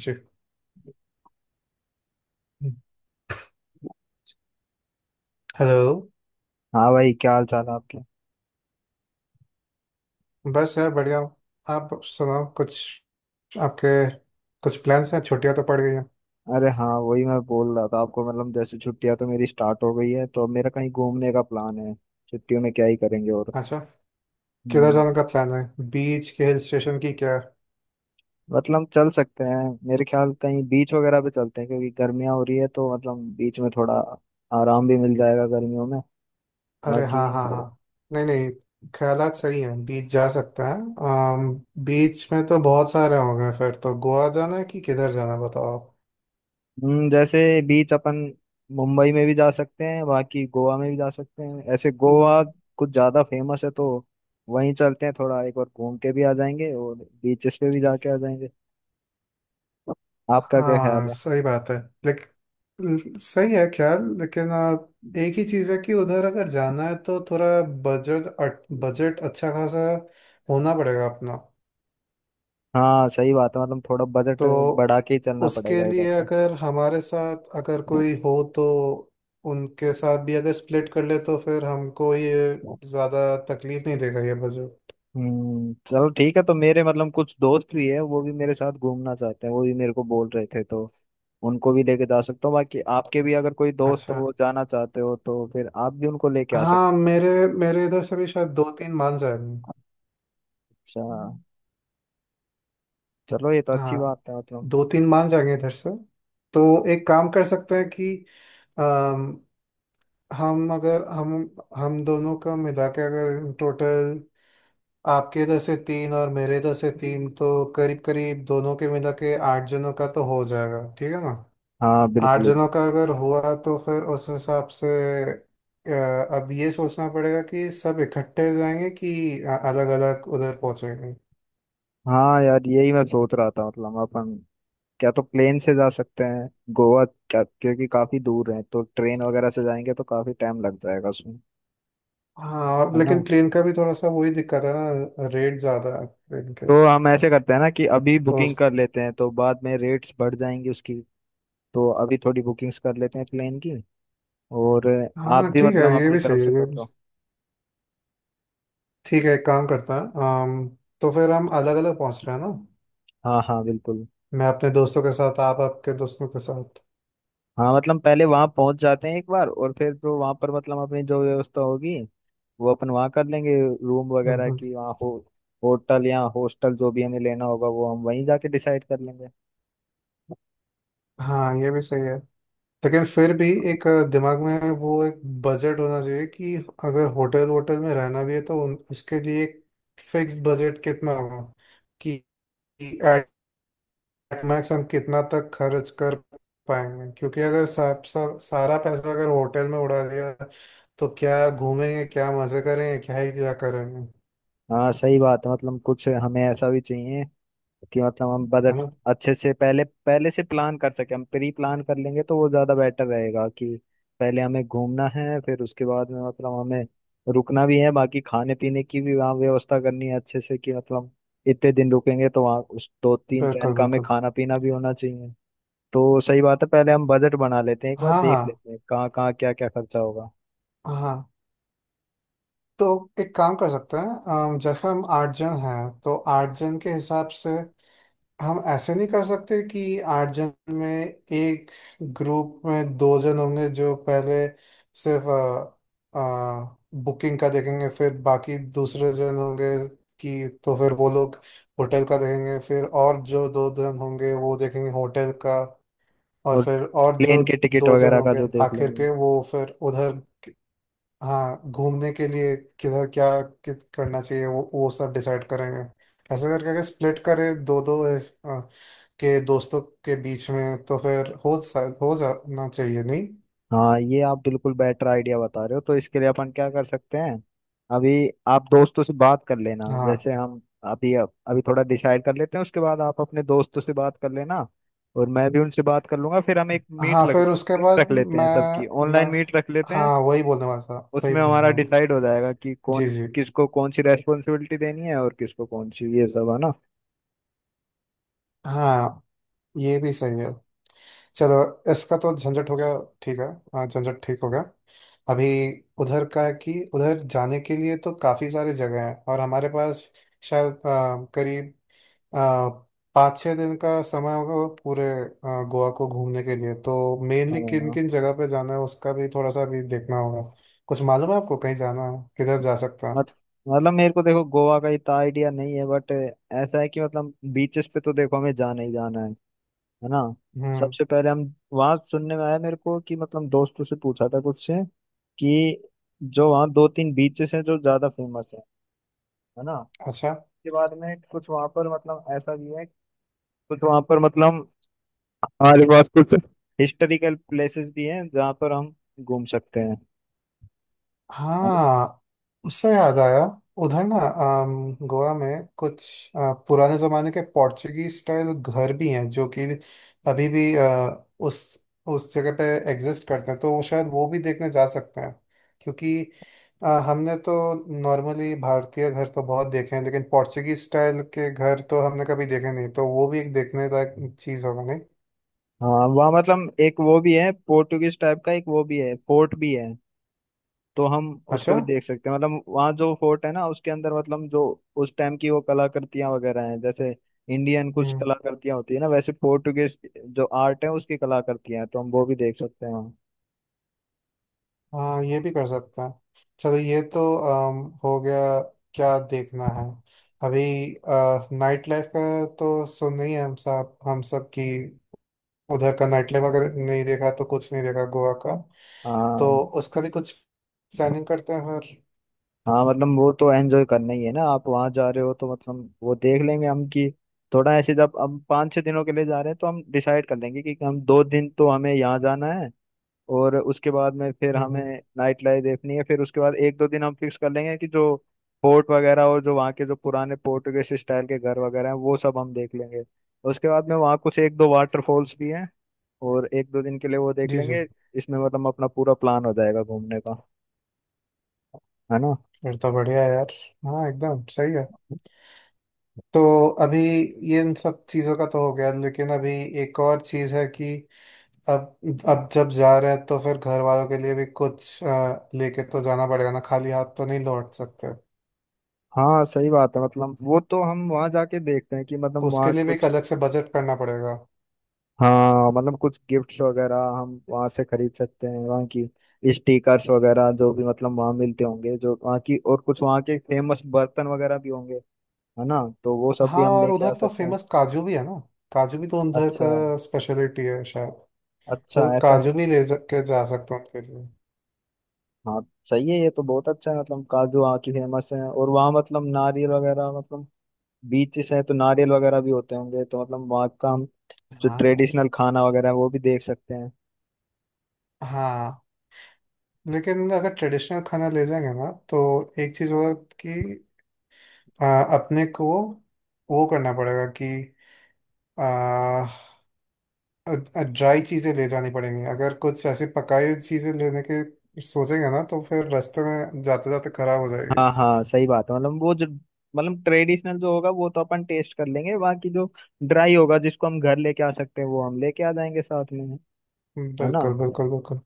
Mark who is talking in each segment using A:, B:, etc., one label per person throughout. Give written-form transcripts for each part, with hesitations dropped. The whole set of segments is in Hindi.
A: जी। हेलो।
B: हाँ भाई, क्या हाल चाल है आपके।
A: बस यार बढ़िया हूँ। आप सुनाओ कुछ। आपके कुछ प्लान्स हैं, छुट्टियां तो पड़ गई हैं।
B: अरे हाँ, वही मैं बोल रहा था आपको, मतलब जैसे छुट्टियां तो मेरी स्टार्ट हो गई है, तो अब मेरा कहीं घूमने का प्लान है। छुट्टियों में क्या ही करेंगे और।
A: अच्छा। किधर
B: हम्म।
A: जाने का प्लान है? बीच के हिल स्टेशन की क्या।
B: मतलब चल सकते हैं, मेरे ख्याल कहीं बीच वगैरह पे चलते हैं, क्योंकि गर्मियाँ हो रही है, तो मतलब बीच में थोड़ा आराम भी मिल जाएगा गर्मियों में।
A: अरे
B: बाकी।
A: हाँ हाँ हाँ। नहीं नहीं, ख्यालात सही हैं, बीच जा सकता है। बीच में तो बहुत सारे होंगे, फिर तो गोवा जाना है कि किधर जाना है, बताओ आप।
B: जैसे बीच अपन मुंबई में भी जा सकते हैं, बाकी गोवा में भी जा सकते हैं। ऐसे गोवा कुछ ज्यादा फेमस है, तो वहीं चलते हैं, थोड़ा एक बार घूम के भी आ जाएंगे और बीचेस पे भी जाके आ जाएंगे। आपका क्या ख्याल
A: हाँ
B: है।
A: सही बात है। लेकिन सही है ख्याल, लेकिन एक ही चीज़ है कि उधर अगर जाना है तो थोड़ा बजट बजट अच्छा खासा होना पड़ेगा अपना।
B: हाँ सही बात है, मतलब थोड़ा बजट
A: तो
B: बढ़ा के ही चलना
A: उसके
B: पड़ेगा इधर
A: लिए अगर हमारे साथ अगर
B: से।
A: कोई हो तो उनके साथ भी अगर स्प्लिट कर ले तो फिर हमको ये ज़्यादा तकलीफ नहीं देगा ये बजट।
B: चलो ठीक है, तो मेरे मतलब कुछ दोस्त भी है, वो भी मेरे साथ घूमना चाहते हैं, वो भी मेरे को बोल रहे थे, तो उनको भी लेके जा सकता हूँ। बाकी आपके भी अगर कोई दोस्त हो,
A: अच्छा।
B: वो जाना चाहते हो, तो फिर आप भी उनको लेके आ
A: हाँ,
B: सकते
A: मेरे मेरे इधर से भी शायद दो तीन मान जाएंगे।
B: हो। अच्छा चलो, ये तो अच्छी
A: हाँ,
B: बात है मतलब।
A: दो तीन मान जाएंगे इधर से। तो एक काम कर सकते हैं कि अम, हम अगर हम हम दोनों का मिला के अगर टोटल आपके इधर से तीन और मेरे इधर से तीन, तो करीब करीब दोनों के मिला के आठ जनों का तो हो जाएगा। ठीक है ना?
B: हाँ
A: आठ
B: बिल्कुल बिल्कुल।
A: जनों का अगर हुआ तो फिर उस हिसाब से अब ये सोचना पड़ेगा कि सब इकट्ठे जाएंगे कि अलग अलग उधर पहुंचेंगे।
B: हाँ यार, यही मैं सोच रहा था, मतलब अपन क्या तो प्लेन से जा सकते हैं गोवा, क्या क्योंकि काफी दूर है, तो ट्रेन वगैरह से जाएंगे तो काफी टाइम लग जाएगा उसमें,
A: हाँ, और
B: है ना।
A: लेकिन ट्रेन का भी थोड़ा सा वही दिक्कत है ना, रेट ज़्यादा है ट्रेन के।
B: तो हम ऐसे करते हैं ना, कि अभी
A: तो
B: बुकिंग कर लेते हैं, तो बाद में रेट्स बढ़ जाएंगी उसकी, तो अभी थोड़ी बुकिंग्स कर लेते हैं प्लेन की। और आप
A: हाँ
B: भी
A: ठीक है,
B: मतलब
A: ये
B: अपनी
A: भी
B: तरफ
A: सही है,
B: से कर दो।
A: ठीक है, एक काम करता है। अम, तो फिर हम अलग अलग पहुंच रहे हैं ना?
B: हाँ हाँ बिल्कुल।
A: मैं अपने दोस्तों के साथ, आप आपके दोस्तों के साथ।
B: हाँ मतलब पहले वहाँ पहुँच जाते हैं एक बार, और फिर जो वहाँ पर मतलब अपनी जो व्यवस्था होगी वो अपन वहाँ कर लेंगे। रूम वगैरह
A: हम्म,
B: की वहाँ हो, होटल या हॉस्टल जो भी हमें लेना होगा वो हम वहीं जाके डिसाइड कर लेंगे।
A: हाँ। ये भी सही है। लेकिन फिर भी एक दिमाग में वो एक बजट होना चाहिए कि अगर होटल वोटल में रहना भी है तो उसके लिए एक फिक्स बजट कितना होगा कि मैक्स हम कितना तक खर्च कर पाएंगे, क्योंकि अगर सब सब सारा पैसा अगर होटल में उड़ा दिया तो क्या घूमेंगे, क्या मजे करेंगे, क्या ही क्या करेंगे।
B: हाँ सही बात है, मतलब कुछ हमें ऐसा भी चाहिए कि मतलब हम
A: है
B: बजट
A: ना?
B: अच्छे से पहले पहले से प्लान कर सके, हम प्री प्लान कर लेंगे तो वो ज़्यादा बेटर रहेगा। कि पहले हमें घूमना है, फिर उसके बाद में मतलब हमें रुकना भी है, बाकी खाने पीने की भी वहाँ व्यवस्था करनी है अच्छे से, कि मतलब इतने दिन रुकेंगे तो वहाँ उस दो तीन टाइम
A: बिल्कुल
B: का हमें
A: बिल्कुल।
B: खाना पीना भी होना चाहिए। तो सही बात है, पहले हम बजट बना लेते हैं, एक बार
A: हाँ
B: देख
A: हाँ
B: लेते हैं कहाँ कहाँ क्या क्या खर्चा होगा
A: हाँ। तो एक काम कर सकते हैं, जैसे हम आठ जन हैं तो आठ जन के हिसाब से हम ऐसे नहीं कर सकते कि आठ जन में एक ग्रुप में दो जन होंगे जो पहले सिर्फ बुकिंग का देखेंगे, फिर बाकी दूसरे जन होंगे कि तो फिर वो लोग होटल का देखेंगे, फिर और जो दो जन होंगे वो देखेंगे होटल का, और
B: और
A: फिर और जो
B: प्लेन के टिकट
A: दो जन
B: वगैरह का जो,
A: होंगे
B: देख
A: आखिर
B: लेंगे।
A: के वो फिर उधर, हाँ, घूमने के लिए किधर क्या कित करना चाहिए वो सब डिसाइड करेंगे। ऐसे करके अगर स्प्लिट करें दो दो के दोस्तों के बीच में तो फिर हो जाना चाहिए नहीं?
B: हाँ ये आप बिल्कुल बेटर आइडिया बता रहे हो, तो इसके लिए अपन क्या कर सकते हैं, अभी आप दोस्तों से बात कर लेना,
A: हाँ
B: जैसे हम अभी अभी थोड़ा डिसाइड कर लेते हैं, उसके बाद आप अपने दोस्तों से बात कर लेना और मैं भी उनसे बात कर लूंगा। फिर हम एक मीट
A: हाँ,
B: रख
A: फिर उसके
B: मीट
A: बाद
B: रख लेते हैं, सबकी
A: मैं
B: ऑनलाइन
A: मैं
B: मीट रख लेते
A: हाँ,
B: हैं।
A: वही बोलने वाला था, सही
B: उसमें
A: बोल
B: हमारा
A: रहा हूँ।
B: डिसाइड हो जाएगा कि
A: जी
B: कौन
A: जी।
B: किसको कौन सी रेस्पॉन्सिबिलिटी देनी है और किसको कौन सी, ये सब, है ना।
A: हाँ, ये भी सही है। चलो, इसका तो झंझट हो गया। ठीक है। हाँ, झंझट ठीक हो गया। अभी उधर का है कि उधर जाने के लिए तो काफ़ी सारी जगह हैं, और हमारे पास शायद करीब आ, 5-6 दिन का समय होगा वो पूरे, गोवा को घूमने के लिए। तो मेनली किन किन
B: हाँ।
A: जगह पे जाना है उसका भी थोड़ा सा भी देखना होगा। कुछ मालूम है आपको कहीं जाना है, किधर जा सकता
B: मत-
A: हूँ?
B: मतलब मेरे को देखो, गोवा का इतना आइडिया नहीं है, बट ऐसा है कि मतलब बीचेस पे तो देखो हमें जाना ही जाना है ना।
A: हम्म।
B: सबसे पहले हम वहां, सुनने में आया मेरे को कि, मतलब दोस्तों से पूछा था कुछ से, कि जो वहाँ दो तीन बीचेस हैं जो ज्यादा फेमस हैं, है ना।
A: अच्छा।
B: उसके बाद में कुछ वहाँ पर मतलब ऐसा भी है, कुछ वहाँ पर मतलब हमारे पास कुछ हिस्टोरिकल प्लेसेस भी हैं जहाँ पर हम घूम सकते हैं, है ना।
A: हाँ, उससे याद आया। उधर ना, गोवा में कुछ पुराने जमाने के पोर्चुगीज स्टाइल घर भी हैं जो कि अभी भी उस जगह पे एग्जिस्ट करते हैं, तो वो शायद वो भी देखने जा सकते हैं। क्योंकि हमने तो नॉर्मली भारतीय घर तो बहुत देखे हैं, लेकिन पोर्चुगीज स्टाइल के घर तो हमने कभी देखे नहीं, तो वो भी एक देखने लायक चीज़ होगा नहीं?
B: हाँ वहाँ मतलब एक वो भी है, पोर्टुगीज टाइप का एक वो भी है, फोर्ट भी है। तो हम उसको भी
A: अच्छा।
B: देख सकते हैं, मतलब वहाँ जो फोर्ट है ना, उसके अंदर मतलब जो उस टाइम की वो कलाकृतियां वगैरह हैं, जैसे इंडियन कुछ
A: हम्म।
B: कलाकृतियां होती है ना, वैसे पोर्टुगेज जो आर्ट है उसकी कलाकृतियां हैं, तो हम वो भी देख सकते हैं।
A: हाँ, ये भी कर सकते हैं। चलो, ये तो हो गया। क्या देखना है अभी? नाइट लाइफ का तो सुन ही है हम सब की। उधर का नाइट लाइफ अगर नहीं देखा तो कुछ नहीं देखा गोवा का। तो
B: हाँ
A: उसका भी कुछ प्लानिंग करते हैं, और
B: हाँ, मतलब वो तो एंजॉय करना ही है ना, आप वहाँ जा रहे हो तो मतलब वो देख लेंगे हम, कि थोड़ा ऐसे जब हम पाँच छः दिनों के लिए जा रहे हैं, तो हम डिसाइड कर लेंगे कि हम दो दिन तो हमें यहाँ जाना है और उसके बाद में फिर
A: हम्म
B: हमें
A: हम्म,
B: नाइट लाइफ देखनी है। फिर उसके बाद एक दो दिन हम फिक्स कर लेंगे कि जो फोर्ट वगैरह और जो वहाँ के जो पुराने पोर्टुगेज स्टाइल के घर वगैरह हैं वो सब हम देख लेंगे। उसके बाद में वहाँ कुछ एक दो वाटरफॉल्स भी हैं और एक दो दिन के लिए वो देख
A: जी जी।
B: लेंगे। इसमें मतलब अपना पूरा प्लान हो जाएगा घूमने का, है ना।
A: फिर तो बढ़िया है यार। हाँ, एकदम सही है। तो अभी ये इन सब चीज़ों का तो हो गया, लेकिन अभी एक और चीज़ है कि अब अब जब जा रहे हैं तो फिर घर वालों के लिए भी कुछ लेके तो जाना पड़ेगा ना, खाली हाथ तो नहीं लौट सकते।
B: हाँ सही बात है, मतलब वो तो हम वहाँ जाके देखते हैं कि मतलब वहाँ
A: उसके लिए भी एक
B: कुछ।
A: अलग से बजट करना पड़ेगा।
B: हाँ मतलब कुछ गिफ्ट्स वगैरह हम वहाँ से खरीद सकते हैं, वहाँ की स्टिकर्स वगैरह जो भी मतलब वहाँ मिलते होंगे जो वहाँ की, और कुछ वहाँ के फेमस बर्तन वगैरह भी होंगे, है ना। तो वो सब भी
A: हाँ,
B: हम
A: और
B: लेके
A: उधर
B: आ
A: तो
B: सकते हैं।
A: फेमस काजू भी है ना, काजू भी तो उधर
B: अच्छा,
A: का स्पेशलिटी है शायद।
B: अच्छा
A: तो
B: ऐसा है।
A: काजू भी के जा सकते हैं उनके लिए।
B: हाँ सही है, ये तो बहुत अच्छा है। मतलब काजू वहाँ की फेमस है, और वहाँ मतलब नारियल वगैरह, मतलब बीचेस है तो नारियल वगैरह भी होते होंगे, तो मतलब वहाँ का हम जो
A: हाँ यार।
B: ट्रेडिशनल खाना वगैरह है वो भी देख सकते हैं।
A: हाँ, लेकिन अगर ट्रेडिशनल खाना ले जाएंगे ना तो एक चीज़ होगा कि अ, अपने को वो करना पड़ेगा कि ड्राई चीजें ले जानी पड़ेंगी। अगर कुछ ऐसी पकाई हुई चीजें लेने के सोचेंगे ना तो फिर रास्ते में जाते जाते खराब हो जाएगी।
B: हाँ हाँ सही बात है, मतलब वो जो, मतलब ट्रेडिशनल जो होगा वो तो अपन टेस्ट कर लेंगे, बाकी जो ड्राई होगा जिसको हम घर लेके आ सकते हैं वो हम लेके आ जाएंगे साथ में, है ना।
A: बिल्कुल बिल्कुल बिल्कुल।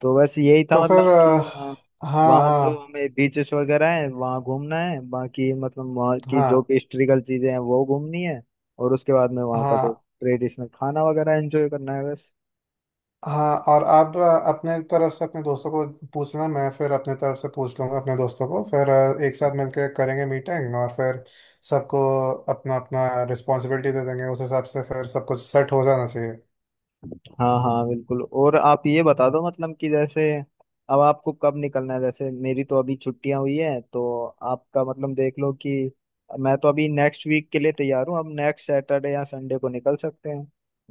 B: तो बस यही था
A: तो फिर
B: मतलब कि, हाँ,
A: हाँ
B: वहाँ जो
A: हाँ।
B: हमें बीचेस वगैरह है वहाँ घूमना है, बाकी मतलब वहाँ की जो
A: हाँ
B: भी हिस्ट्रिकल चीजें हैं वो घूमनी है, और उसके बाद में वहाँ का जो
A: हाँ
B: ट्रेडिशनल खाना वगैरह एंजॉय करना है, बस।
A: हाँ, और आप अपने तरफ से अपने दोस्तों को पूछना, मैं फिर अपने तरफ से पूछ लूंगा अपने दोस्तों को। फिर एक साथ मिलकर करेंगे मीटिंग और फिर सबको अपना अपना रिस्पॉन्सिबिलिटी दे देंगे। उस हिसाब से फिर सब कुछ सेट हो जाना चाहिए।
B: हाँ हाँ बिल्कुल। और आप ये बता दो मतलब, कि जैसे अब आपको कब निकलना है, जैसे मेरी तो अभी छुट्टियां हुई है, तो आपका मतलब देख लो कि, मैं तो अभी नेक्स्ट वीक के लिए तैयार हूँ। अब नेक्स्ट सैटरडे या संडे को निकल सकते हैं,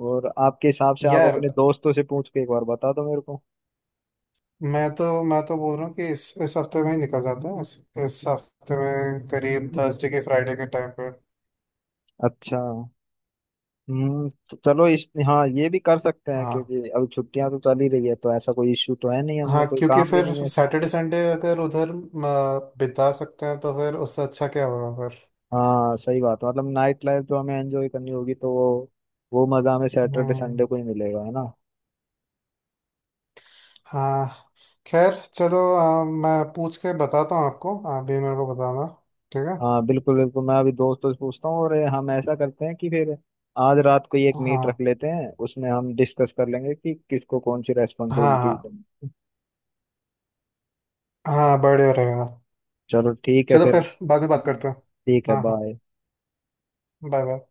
B: और आपके हिसाब से आप
A: यार,
B: अपने दोस्तों से पूछ के एक बार बता दो मेरे को।
A: मैं तो बोल रहा हूँ कि इस हफ्ते में ही निकल जाता है, इस हफ्ते में करीब थर्सडे के फ्राइडे के टाइम पे।
B: अच्छा। हम्म, तो चलो इस, हाँ ये भी कर सकते हैं,
A: हाँ
B: क्योंकि अब छुट्टियां तो चल ही रही है, तो ऐसा कोई इश्यू तो है नहीं, हमें
A: हाँ,
B: कोई
A: क्योंकि
B: काम भी
A: फिर
B: नहीं है ऐसा।
A: सैटरडे संडे अगर उधर बिता सकते हैं तो फिर उससे अच्छा क्या होगा फिर।
B: हाँ सही बात है, मतलब नाइट लाइफ जो हमें एंजॉय करनी होगी, तो वो मज़ा हमें सैटरडे
A: हम्म।
B: संडे को ही मिलेगा, है ना।
A: हाँ, खैर चलो, मैं पूछ के बताता हूँ आपको, आप भी मेरे को बताना। ठीक है।
B: हाँ बिल्कुल बिल्कुल, मैं अभी दोस्तों से पूछता हूँ, और हम ऐसा करते हैं कि फिर आज रात को ही एक मीट
A: हाँ
B: रख लेते हैं, उसमें हम डिस्कस कर लेंगे कि किसको कौन सी
A: हाँ।
B: रेस्पॉन्सिबिलिटीज
A: हाँ
B: करनी है।
A: हाँ, बढ़िया रहेगा।
B: चलो ठीक है
A: चलो
B: फिर। है
A: फिर बाद में बात
B: ना?
A: करते हैं।
B: ठीक है,
A: हाँ हाँ।
B: बाय।
A: Bye bye.